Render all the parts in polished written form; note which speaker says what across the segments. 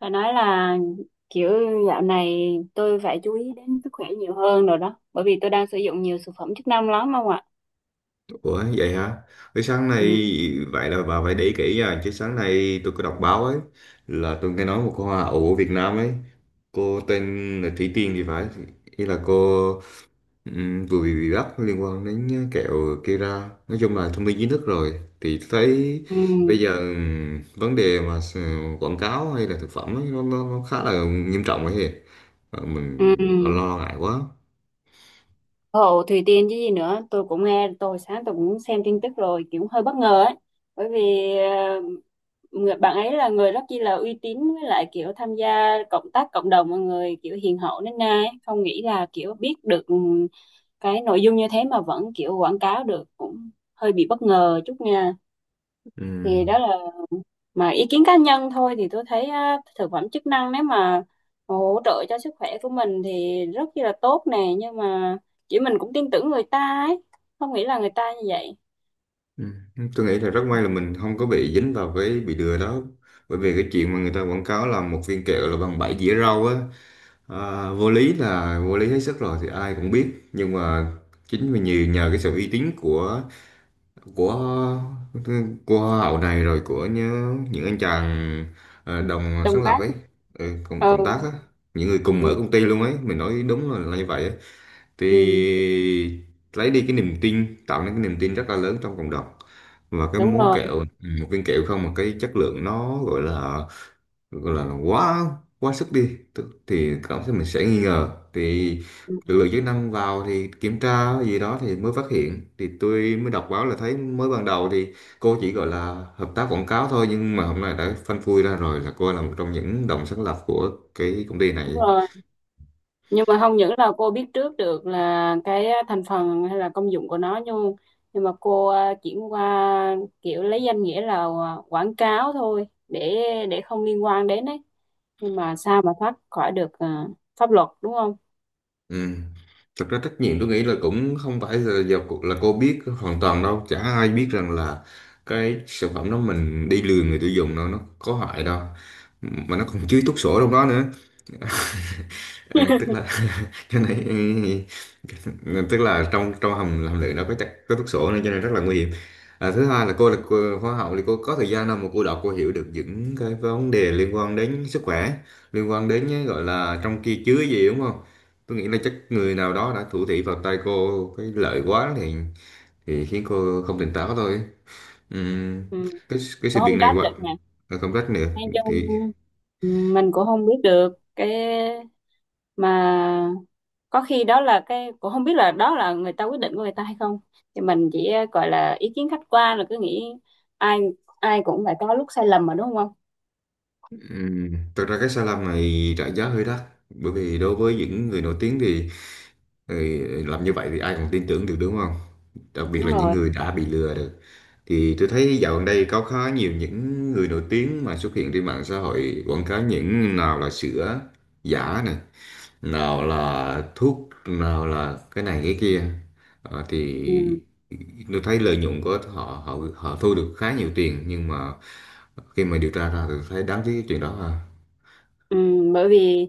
Speaker 1: Phải nói là kiểu dạo này tôi phải chú ý đến sức khỏe nhiều hơn rồi đó. Bởi vì tôi đang sử dụng nhiều thực phẩm chức năng lắm không ạ?
Speaker 2: Ủa vậy hả? Cái sáng nay
Speaker 1: Ừ,
Speaker 2: Vậy là bà phải để ý kỹ nha. Chứ sáng nay tôi có đọc báo ấy là tôi nghe nói một cô hoa hậu ở Việt Nam ấy, cô tên là Thủy Tiên thì phải. Ý là cô vừa bị bắt liên quan đến kẹo Kera. Nói chung là thông tin chính thức rồi. Thì tôi thấy
Speaker 1: ừ,
Speaker 2: bây giờ vấn đề mà quảng cáo hay là thực phẩm ấy, nó khá là nghiêm trọng ấy.
Speaker 1: ừ.
Speaker 2: Mình lo ngại quá.
Speaker 1: Hộ Thùy Tiên chứ gì nữa. Tôi cũng nghe, tôi sáng tôi cũng xem tin tức rồi, kiểu hơi bất ngờ ấy. Bởi vì người bạn ấy là người rất chi là uy tín, với lại kiểu tham gia cộng tác cộng đồng mọi người kiểu hiền hậu, nên nay không nghĩ là kiểu biết được cái nội dung như thế mà vẫn kiểu quảng cáo được, cũng hơi bị bất ngờ chút nha.
Speaker 2: Ừ.
Speaker 1: Thì đó là, mà ý kiến cá nhân thôi, thì tôi thấy á, thực phẩm chức năng nếu mà hỗ trợ cho sức khỏe của mình thì rất chi là tốt nè, nhưng mà chỉ mình cũng tin tưởng người ta ấy, không nghĩ là người ta như vậy.
Speaker 2: Ừ. Tôi nghĩ là rất may là mình không có bị dính vào cái bị lừa đó, bởi vì cái chuyện mà người ta quảng cáo là một viên kẹo là bằng bảy dĩa rau á, à, vô lý là vô lý hết sức rồi thì ai cũng biết. Nhưng mà chính vì nhiều nhờ cái sự uy tín của của hoa hậu này, rồi của những anh chàng đồng sáng
Speaker 1: Đồng
Speaker 2: lập
Speaker 1: cát.
Speaker 2: ấy, ừ, cộng tác
Speaker 1: Ừ,
Speaker 2: á, những người cùng
Speaker 1: ừ,
Speaker 2: ở công ty luôn ấy, mình nói đúng là như vậy á, thì
Speaker 1: ừ.
Speaker 2: lấy đi cái niềm tin, tạo nên cái niềm tin rất là lớn trong cộng đồng. Và cái
Speaker 1: Đúng
Speaker 2: món
Speaker 1: rồi.
Speaker 2: kẹo ừ, một viên kẹo không mà cái chất lượng nó gọi là quá quá sức đi, thì cảm thấy mình sẽ nghi ngờ, thì
Speaker 1: Ừ,
Speaker 2: lực lượng chức năng vào thì kiểm tra gì đó thì mới phát hiện. Thì tôi mới đọc báo là thấy mới ban đầu thì cô chỉ gọi là hợp tác quảng cáo thôi, nhưng mà hôm nay đã phanh phui ra rồi là cô là một trong những đồng sáng lập của cái công ty
Speaker 1: đúng
Speaker 2: này.
Speaker 1: rồi, nhưng mà không những là cô biết trước được là cái thành phần hay là công dụng của nó, nhưng mà cô chuyển qua kiểu lấy danh nghĩa là quảng cáo thôi, để không liên quan đến ấy, nhưng mà sao mà thoát khỏi được pháp luật đúng không.
Speaker 2: Ừ. Thực ra trách nhiệm tôi nghĩ là cũng không phải là giờ là cô biết hoàn toàn đâu, chả ai biết rằng là cái sản phẩm đó mình đi lừa người tiêu dùng đâu, nó có hại đâu, mà nó còn chứa thuốc sổ trong đó nữa. À, tức là cái này tức là trong trong hầm hầm lựu nó có chắc có thuốc sổ, nên cho nên rất là nguy hiểm. À, thứ hai là cô là hoa học thì cô có thời gian nào mà cô đọc, cô hiểu được những cái vấn đề liên quan đến sức khỏe, liên quan đến cái gọi là trong kia chứa gì đúng không? Tôi nghĩ là chắc người nào đó đã thủ thị vào tay cô cái lợi quá, thì khiến cô không tỉnh táo thôi. Ừm,
Speaker 1: Ừ.
Speaker 2: cái sự
Speaker 1: Cũng
Speaker 2: việc
Speaker 1: không
Speaker 2: này
Speaker 1: trách
Speaker 2: quá
Speaker 1: được nè.
Speaker 2: công trách nữa
Speaker 1: Nói chung
Speaker 2: thì.
Speaker 1: ừ, mình cũng không biết được cái, mà có khi đó là cái, cũng không biết là đó là người ta quyết định của người ta hay không, thì mình chỉ gọi là ý kiến khách quan là cứ nghĩ ai ai cũng phải có lúc sai lầm mà đúng không.
Speaker 2: Thực ra cái sai lầm này trả giá hơi đắt, bởi vì đối với những người nổi tiếng thì ừ, làm như vậy thì ai còn tin tưởng được đúng không? Đặc biệt
Speaker 1: Đúng
Speaker 2: là những
Speaker 1: rồi.
Speaker 2: người đã bị lừa được. Thì tôi thấy dạo gần đây có khá nhiều những người nổi tiếng mà xuất hiện trên mạng xã hội quảng cáo, những nào là sữa giả này, nào là thuốc, nào là cái này cái kia. Thì
Speaker 1: Ừ.
Speaker 2: tôi thấy lợi nhuận của họ họ họ thu được khá nhiều tiền, nhưng mà khi mà điều tra ra thì thấy đáng tiếc cái chuyện đó ha.
Speaker 1: Ừ, bởi vì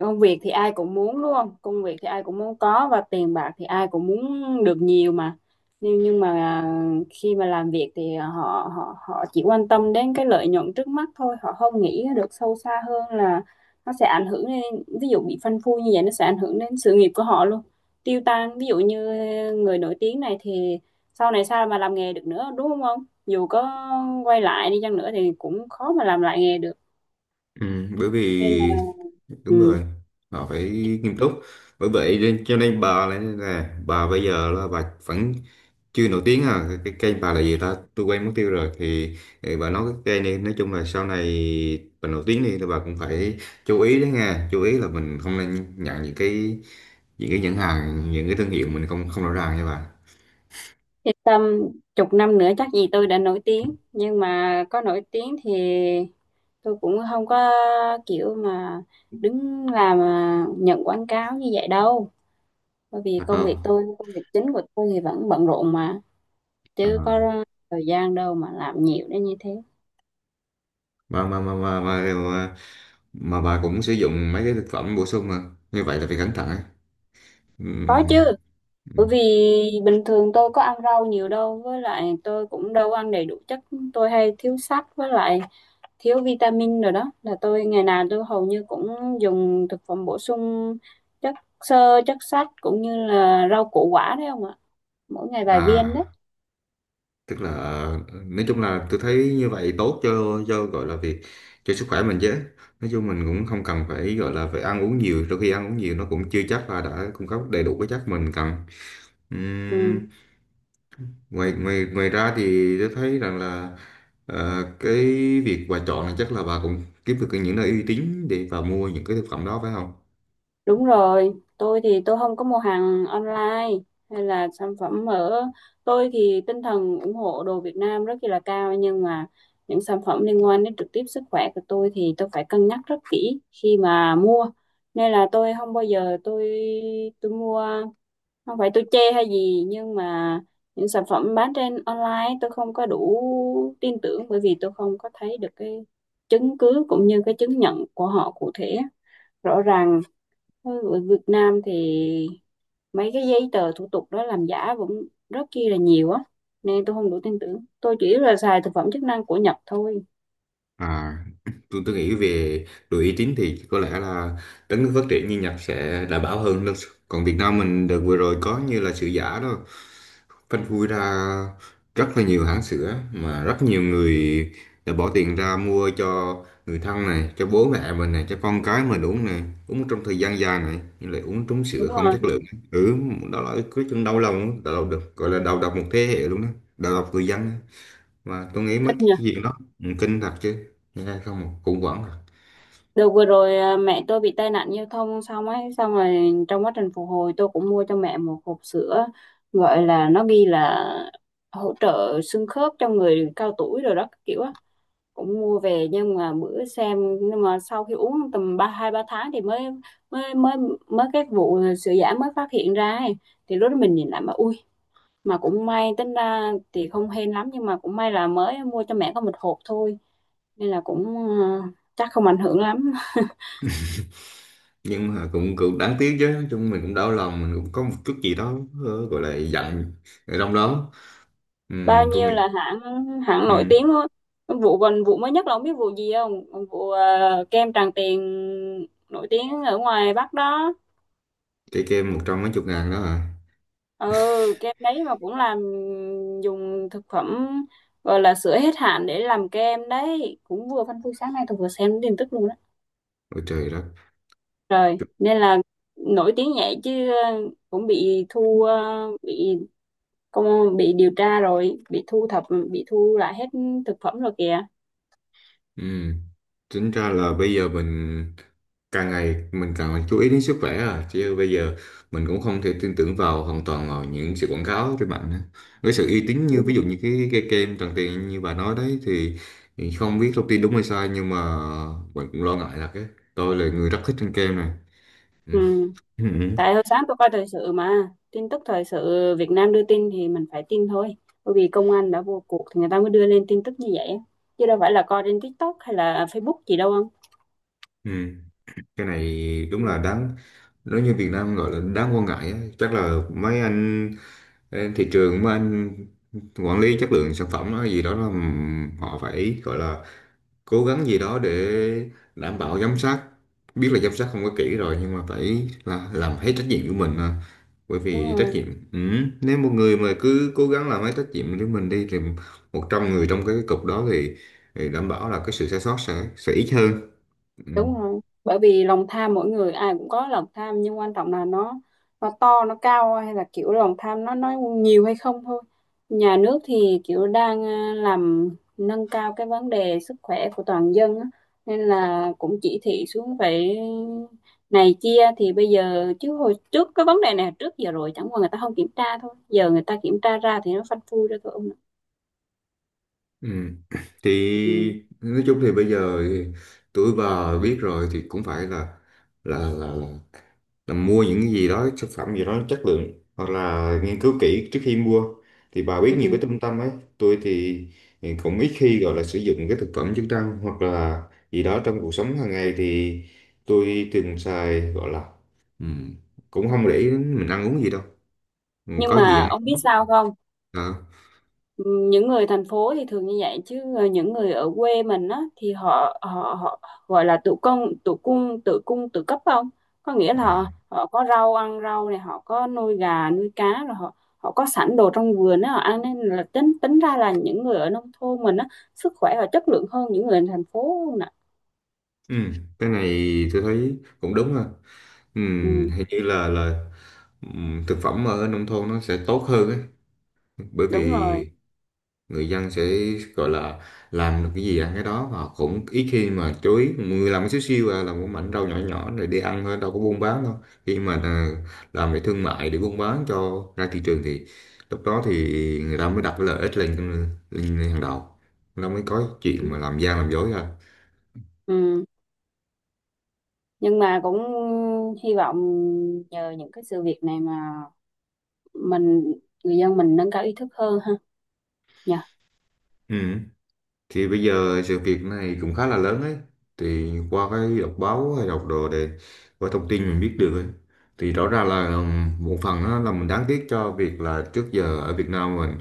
Speaker 1: công việc thì ai cũng muốn đúng không? Công việc thì ai cũng muốn có, và tiền bạc thì ai cũng muốn được nhiều mà. Nhưng mà khi mà làm việc thì họ họ họ chỉ quan tâm đến cái lợi nhuận trước mắt thôi, họ không nghĩ được sâu xa hơn là nó sẽ ảnh hưởng đến, ví dụ bị phanh phui như vậy, nó sẽ ảnh hưởng đến sự nghiệp của họ luôn. Tiêu tan. Ví dụ như người nổi tiếng này thì sau này sao mà làm nghề được nữa, đúng không ông? Dù có quay lại đi chăng nữa thì cũng khó mà làm lại nghề được.
Speaker 2: Ừ, bởi
Speaker 1: Nên
Speaker 2: vì
Speaker 1: là ừ.
Speaker 2: đúng rồi, họ phải nghiêm túc. Bởi vậy nên cho nên bà là nên là bà bây giờ là bà vẫn chưa nổi tiếng, à cái kênh bà là gì ta, tôi quên mất tiêu rồi, thì, bà nói cái kênh này, nói chung là sau này bà nổi tiếng đi thì bà cũng phải chú ý đấy nha, chú ý là mình không nên nhận những cái, nhãn hàng, những cái thương hiệu mình không không rõ ràng nha bà.
Speaker 1: Yên tâm, chục năm nữa chắc gì tôi đã nổi tiếng. Nhưng mà có nổi tiếng thì tôi cũng không có kiểu mà đứng làm nhận quảng cáo như vậy đâu. Bởi vì
Speaker 2: Thật
Speaker 1: công việc
Speaker 2: không?
Speaker 1: tôi, công việc chính của tôi thì vẫn bận rộn mà.
Speaker 2: À,
Speaker 1: Chứ có thời gian đâu mà làm nhiều đến như thế.
Speaker 2: mà, mà bà cũng sử dụng mấy cái thực phẩm bổ sung, mà như vậy là phải cẩn thận ấy.
Speaker 1: Có chứ,
Speaker 2: Ừm,
Speaker 1: bởi
Speaker 2: ừm.
Speaker 1: vì bình thường tôi có ăn rau nhiều đâu, với lại tôi cũng đâu ăn đầy đủ chất, tôi hay thiếu sắt, với lại thiếu vitamin rồi đó, là tôi ngày nào tôi hầu như cũng dùng thực phẩm bổ sung chất xơ, chất sắt cũng như là rau củ quả đấy không ạ, mỗi ngày vài viên đấy.
Speaker 2: À, tức là nói chung là tôi thấy như vậy tốt cho gọi là việc cho sức khỏe mình chứ. Nói chung mình cũng không cần phải gọi là phải ăn uống nhiều, đôi khi ăn uống nhiều nó cũng chưa chắc là đã cung cấp đầy đủ cái chất mình cần.
Speaker 1: Ừ.
Speaker 2: Ừm, ngoài ngoài ngoài ra thì tôi thấy rằng là cái việc bà chọn là chắc là bà cũng kiếm được những nơi uy tín để bà mua những cái thực phẩm đó phải không?
Speaker 1: Đúng rồi, tôi thì tôi không có mua hàng online hay là sản phẩm ở, tôi thì tinh thần ủng hộ đồ Việt Nam rất là cao, nhưng mà những sản phẩm liên quan đến trực tiếp sức khỏe của tôi thì tôi phải cân nhắc rất kỹ khi mà mua, nên là tôi không bao giờ tôi mua. Không phải tôi chê hay gì, nhưng mà những sản phẩm bán trên online tôi không có đủ tin tưởng, bởi vì tôi không có thấy được cái chứng cứ cũng như cái chứng nhận của họ cụ thể rõ ràng. Ở Việt Nam thì mấy cái giấy tờ thủ tục đó làm giả vẫn rất chi là nhiều á, nên tôi không đủ tin tưởng, tôi chỉ là xài thực phẩm chức năng của Nhật thôi.
Speaker 2: À, tôi nghĩ về đội uy tín thì có lẽ là đất nước phát triển như Nhật sẽ đảm bảo hơn. Còn Việt Nam mình đợt vừa rồi có như là sữa giả đó, phanh phui ra rất là nhiều hãng sữa, mà rất nhiều người đã bỏ tiền ra mua cho người thân này, cho bố mẹ mình này, cho con cái mình uống này, uống trong thời gian dài này, nhưng lại uống trúng
Speaker 1: Đúng
Speaker 2: sữa không
Speaker 1: rồi.
Speaker 2: chất lượng. Ừ, đó là cái chuyện đau lòng được, gọi là đầu độc một thế hệ luôn đó, đầu độc người dân, mà tôi nghĩ mấy
Speaker 1: Kinh
Speaker 2: cái
Speaker 1: nhỉ.
Speaker 2: chuyện đó ừ, kinh thật chứ, nghe không mà cũng vẫn à.
Speaker 1: Được, vừa rồi mẹ tôi bị tai nạn giao thông xong ấy, xong rồi trong quá trình phục hồi tôi cũng mua cho mẹ một hộp sữa, gọi là nó ghi là hỗ trợ xương khớp cho người cao tuổi rồi đó các kiểu á, cũng mua về, nhưng mà bữa xem, nhưng mà sau khi uống tầm ba hai ba tháng thì mới mới mới mới cái vụ sữa giả mới phát hiện ra ấy. Thì lúc đó mình nhìn lại mà ui, mà cũng may, tính ra thì không hên lắm, nhưng mà cũng may là mới mua cho mẹ có một hộp thôi, nên là cũng ờ, chắc không ảnh hưởng lắm.
Speaker 2: Nhưng mà cũng cũng đáng tiếc chứ, nói chung mình cũng đau lòng, mình cũng có một chút gì đó gọi là giận ở trong đó. Ừ,
Speaker 1: Bao
Speaker 2: tôi
Speaker 1: nhiêu
Speaker 2: nghĩ
Speaker 1: là hãng, hãng nổi
Speaker 2: ừ,
Speaker 1: tiếng thôi. Vụ, còn vụ mới nhất là không biết vụ gì không, vụ kem Tràng Tiền nổi tiếng ở ngoài Bắc đó.
Speaker 2: cái kem một trăm mấy chục ngàn đó à?
Speaker 1: Ừ, kem đấy mà cũng làm, dùng thực phẩm, gọi là sữa hết hạn để làm kem đấy, cũng vừa phanh phui sáng nay tôi vừa xem tin tức luôn đó.
Speaker 2: Ôi trời đất.
Speaker 1: Rồi nên là nổi tiếng vậy chứ cũng bị công, bị điều tra rồi bị thu thập, bị thu lại hết thực phẩm rồi kìa.
Speaker 2: Ừ. Tính ra là bây giờ mình càng ngày mình càng phải chú ý đến sức khỏe, à chứ bây giờ mình cũng không thể tin tưởng vào hoàn toàn vào những sự quảng cáo trên mạng nữa. Với sự uy tín như
Speaker 1: Ừ.
Speaker 2: ví dụ như cái kem Tràng Tiền như bà nói đấy thì không biết thông tin đúng hay sai, nhưng mà mình cũng lo ngại là cái, tôi là người rất thích ăn kem này. Ừ.
Speaker 1: Ừ. Tại hồi sáng tôi coi thời sự, mà tin tức thời sự Việt Nam đưa tin thì mình phải tin thôi, bởi vì công an đã vô cuộc thì người ta mới đưa lên tin tức như vậy, chứ đâu phải là coi trên TikTok hay là Facebook gì đâu không.
Speaker 2: Ừ. Ừ. Cái này
Speaker 1: Ừ.
Speaker 2: đúng là đáng, nếu như Việt Nam gọi là đáng quan ngại á. Chắc là mấy anh Ê, thị trường mà anh quản lý chất lượng sản phẩm nó gì đó là họ phải gọi là cố gắng gì đó để đảm bảo giám sát, biết là giám sát không có kỹ rồi nhưng mà phải là làm hết trách nhiệm của mình à. Bởi
Speaker 1: Đúng
Speaker 2: vì trách
Speaker 1: rồi.
Speaker 2: nhiệm ừ. Nếu một người mà cứ cố gắng làm hết trách nhiệm của mình đi, thì 100 người trong cái cục đó thì đảm bảo là cái sự sai sót sẽ ít hơn ừ.
Speaker 1: Đúng rồi, bởi vì lòng tham mỗi người ai cũng có lòng tham, nhưng quan trọng là nó to nó cao hay là kiểu lòng tham nó nhiều hay không thôi. Nhà nước thì kiểu đang làm nâng cao cái vấn đề sức khỏe của toàn dân á, nên là cũng chỉ thị xuống phải này kia. Thì bây giờ, chứ hồi trước cái vấn đề này trước giờ rồi, chẳng qua người ta không kiểm tra thôi, giờ người ta kiểm tra ra thì nó phanh phui ra thôi ông ạ.
Speaker 2: Ừ.
Speaker 1: Ừ.
Speaker 2: Thì nói chung thì bây giờ thì tuổi bà biết rồi thì cũng phải là là là, là là mua những gì đó, sản phẩm gì đó chất lượng, hoặc là nghiên cứu kỹ trước khi mua, thì bà biết nhiều cái
Speaker 1: Ừ.
Speaker 2: trung tâm ấy. Tôi thì cũng ít khi gọi là sử dụng cái thực phẩm chức năng hoặc là gì đó trong cuộc sống hàng ngày, thì tôi thường xài gọi là ừm, cũng không để ý đến mình ăn uống gì đâu. Ừ,
Speaker 1: Nhưng
Speaker 2: có gì
Speaker 1: mà
Speaker 2: ăn
Speaker 1: ông
Speaker 2: đó.
Speaker 1: biết sao không,
Speaker 2: À,
Speaker 1: ừ, những người thành phố thì thường như vậy, chứ những người ở quê mình á thì họ họ họ gọi là tự cung tự cấp không, có nghĩa là họ,
Speaker 2: à.
Speaker 1: họ có rau ăn rau này, họ có nuôi gà nuôi cá, rồi họ họ có sẵn đồ trong vườn á họ ăn, nên là tính tính ra là những người ở nông thôn mình á sức khỏe và chất lượng hơn những người ở thành phố nè.
Speaker 2: Ừ, cái này tôi thấy cũng đúng ha, ừ,
Speaker 1: Ừ,
Speaker 2: hình như là thực phẩm ở nông thôn nó sẽ tốt hơn ấy, bởi
Speaker 1: đúng rồi.
Speaker 2: vì người dân sẽ gọi là làm được cái gì ăn cái đó, và cũng ít khi mà chú ý, người làm cái xíu xiu à, làm một mảnh rau nhỏ nhỏ rồi đi ăn thôi đâu có buôn bán đâu. Khi mà à, làm về thương mại để buôn bán cho ra thị trường thì lúc đó thì người ta mới đặt cái lợi ích lên lên hàng đầu, nó mới có
Speaker 1: Ừ.
Speaker 2: chuyện mà làm gian làm dối ra
Speaker 1: Ừ. Nhưng mà cũng hy vọng nhờ những cái sự việc này mà mình, người dân mình nâng cao ý thức hơn ha, nhờ.
Speaker 2: ừ. Thì bây giờ sự việc này cũng khá là lớn ấy, thì qua cái đọc báo hay đọc đồ để qua thông tin mình biết được ấy. Thì rõ ràng là một phần á, là mình đáng tiếc cho việc là trước giờ ở Việt Nam mình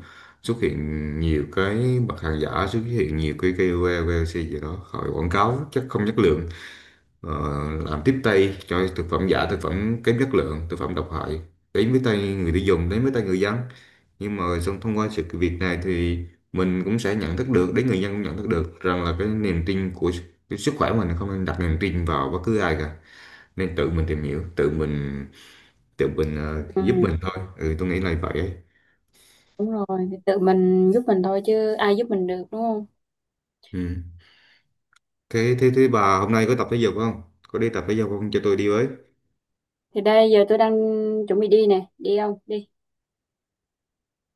Speaker 2: xuất hiện nhiều cái mặt hàng giả, xuất hiện nhiều cái KOL, KOC gì đó khỏi quảng cáo chắc không chất lượng, ờ, làm tiếp tay cho thực phẩm giả, thực phẩm kém chất lượng, thực phẩm độc hại đến với tay người tiêu dùng, đến với tay người dân. Nhưng mà xong thông qua sự việc này thì mình cũng sẽ nhận thức được, đến người dân cũng nhận thức được rằng là cái niềm tin của cái sức khỏe mình không nên đặt niềm tin vào bất cứ ai cả, nên tự mình tìm hiểu, tự mình
Speaker 1: Ừ,
Speaker 2: giúp mình thôi ừ, tôi nghĩ là vậy ấy.
Speaker 1: đúng rồi, thì tự mình giúp mình thôi chứ ai giúp mình được đúng không?
Speaker 2: Ừ. Thế thế thế bà hôm nay có tập thể dục không, có đi tập thể dục không cho tôi đi với?
Speaker 1: Thì đây giờ tôi đang chuẩn bị đi nè, đi không? Đi.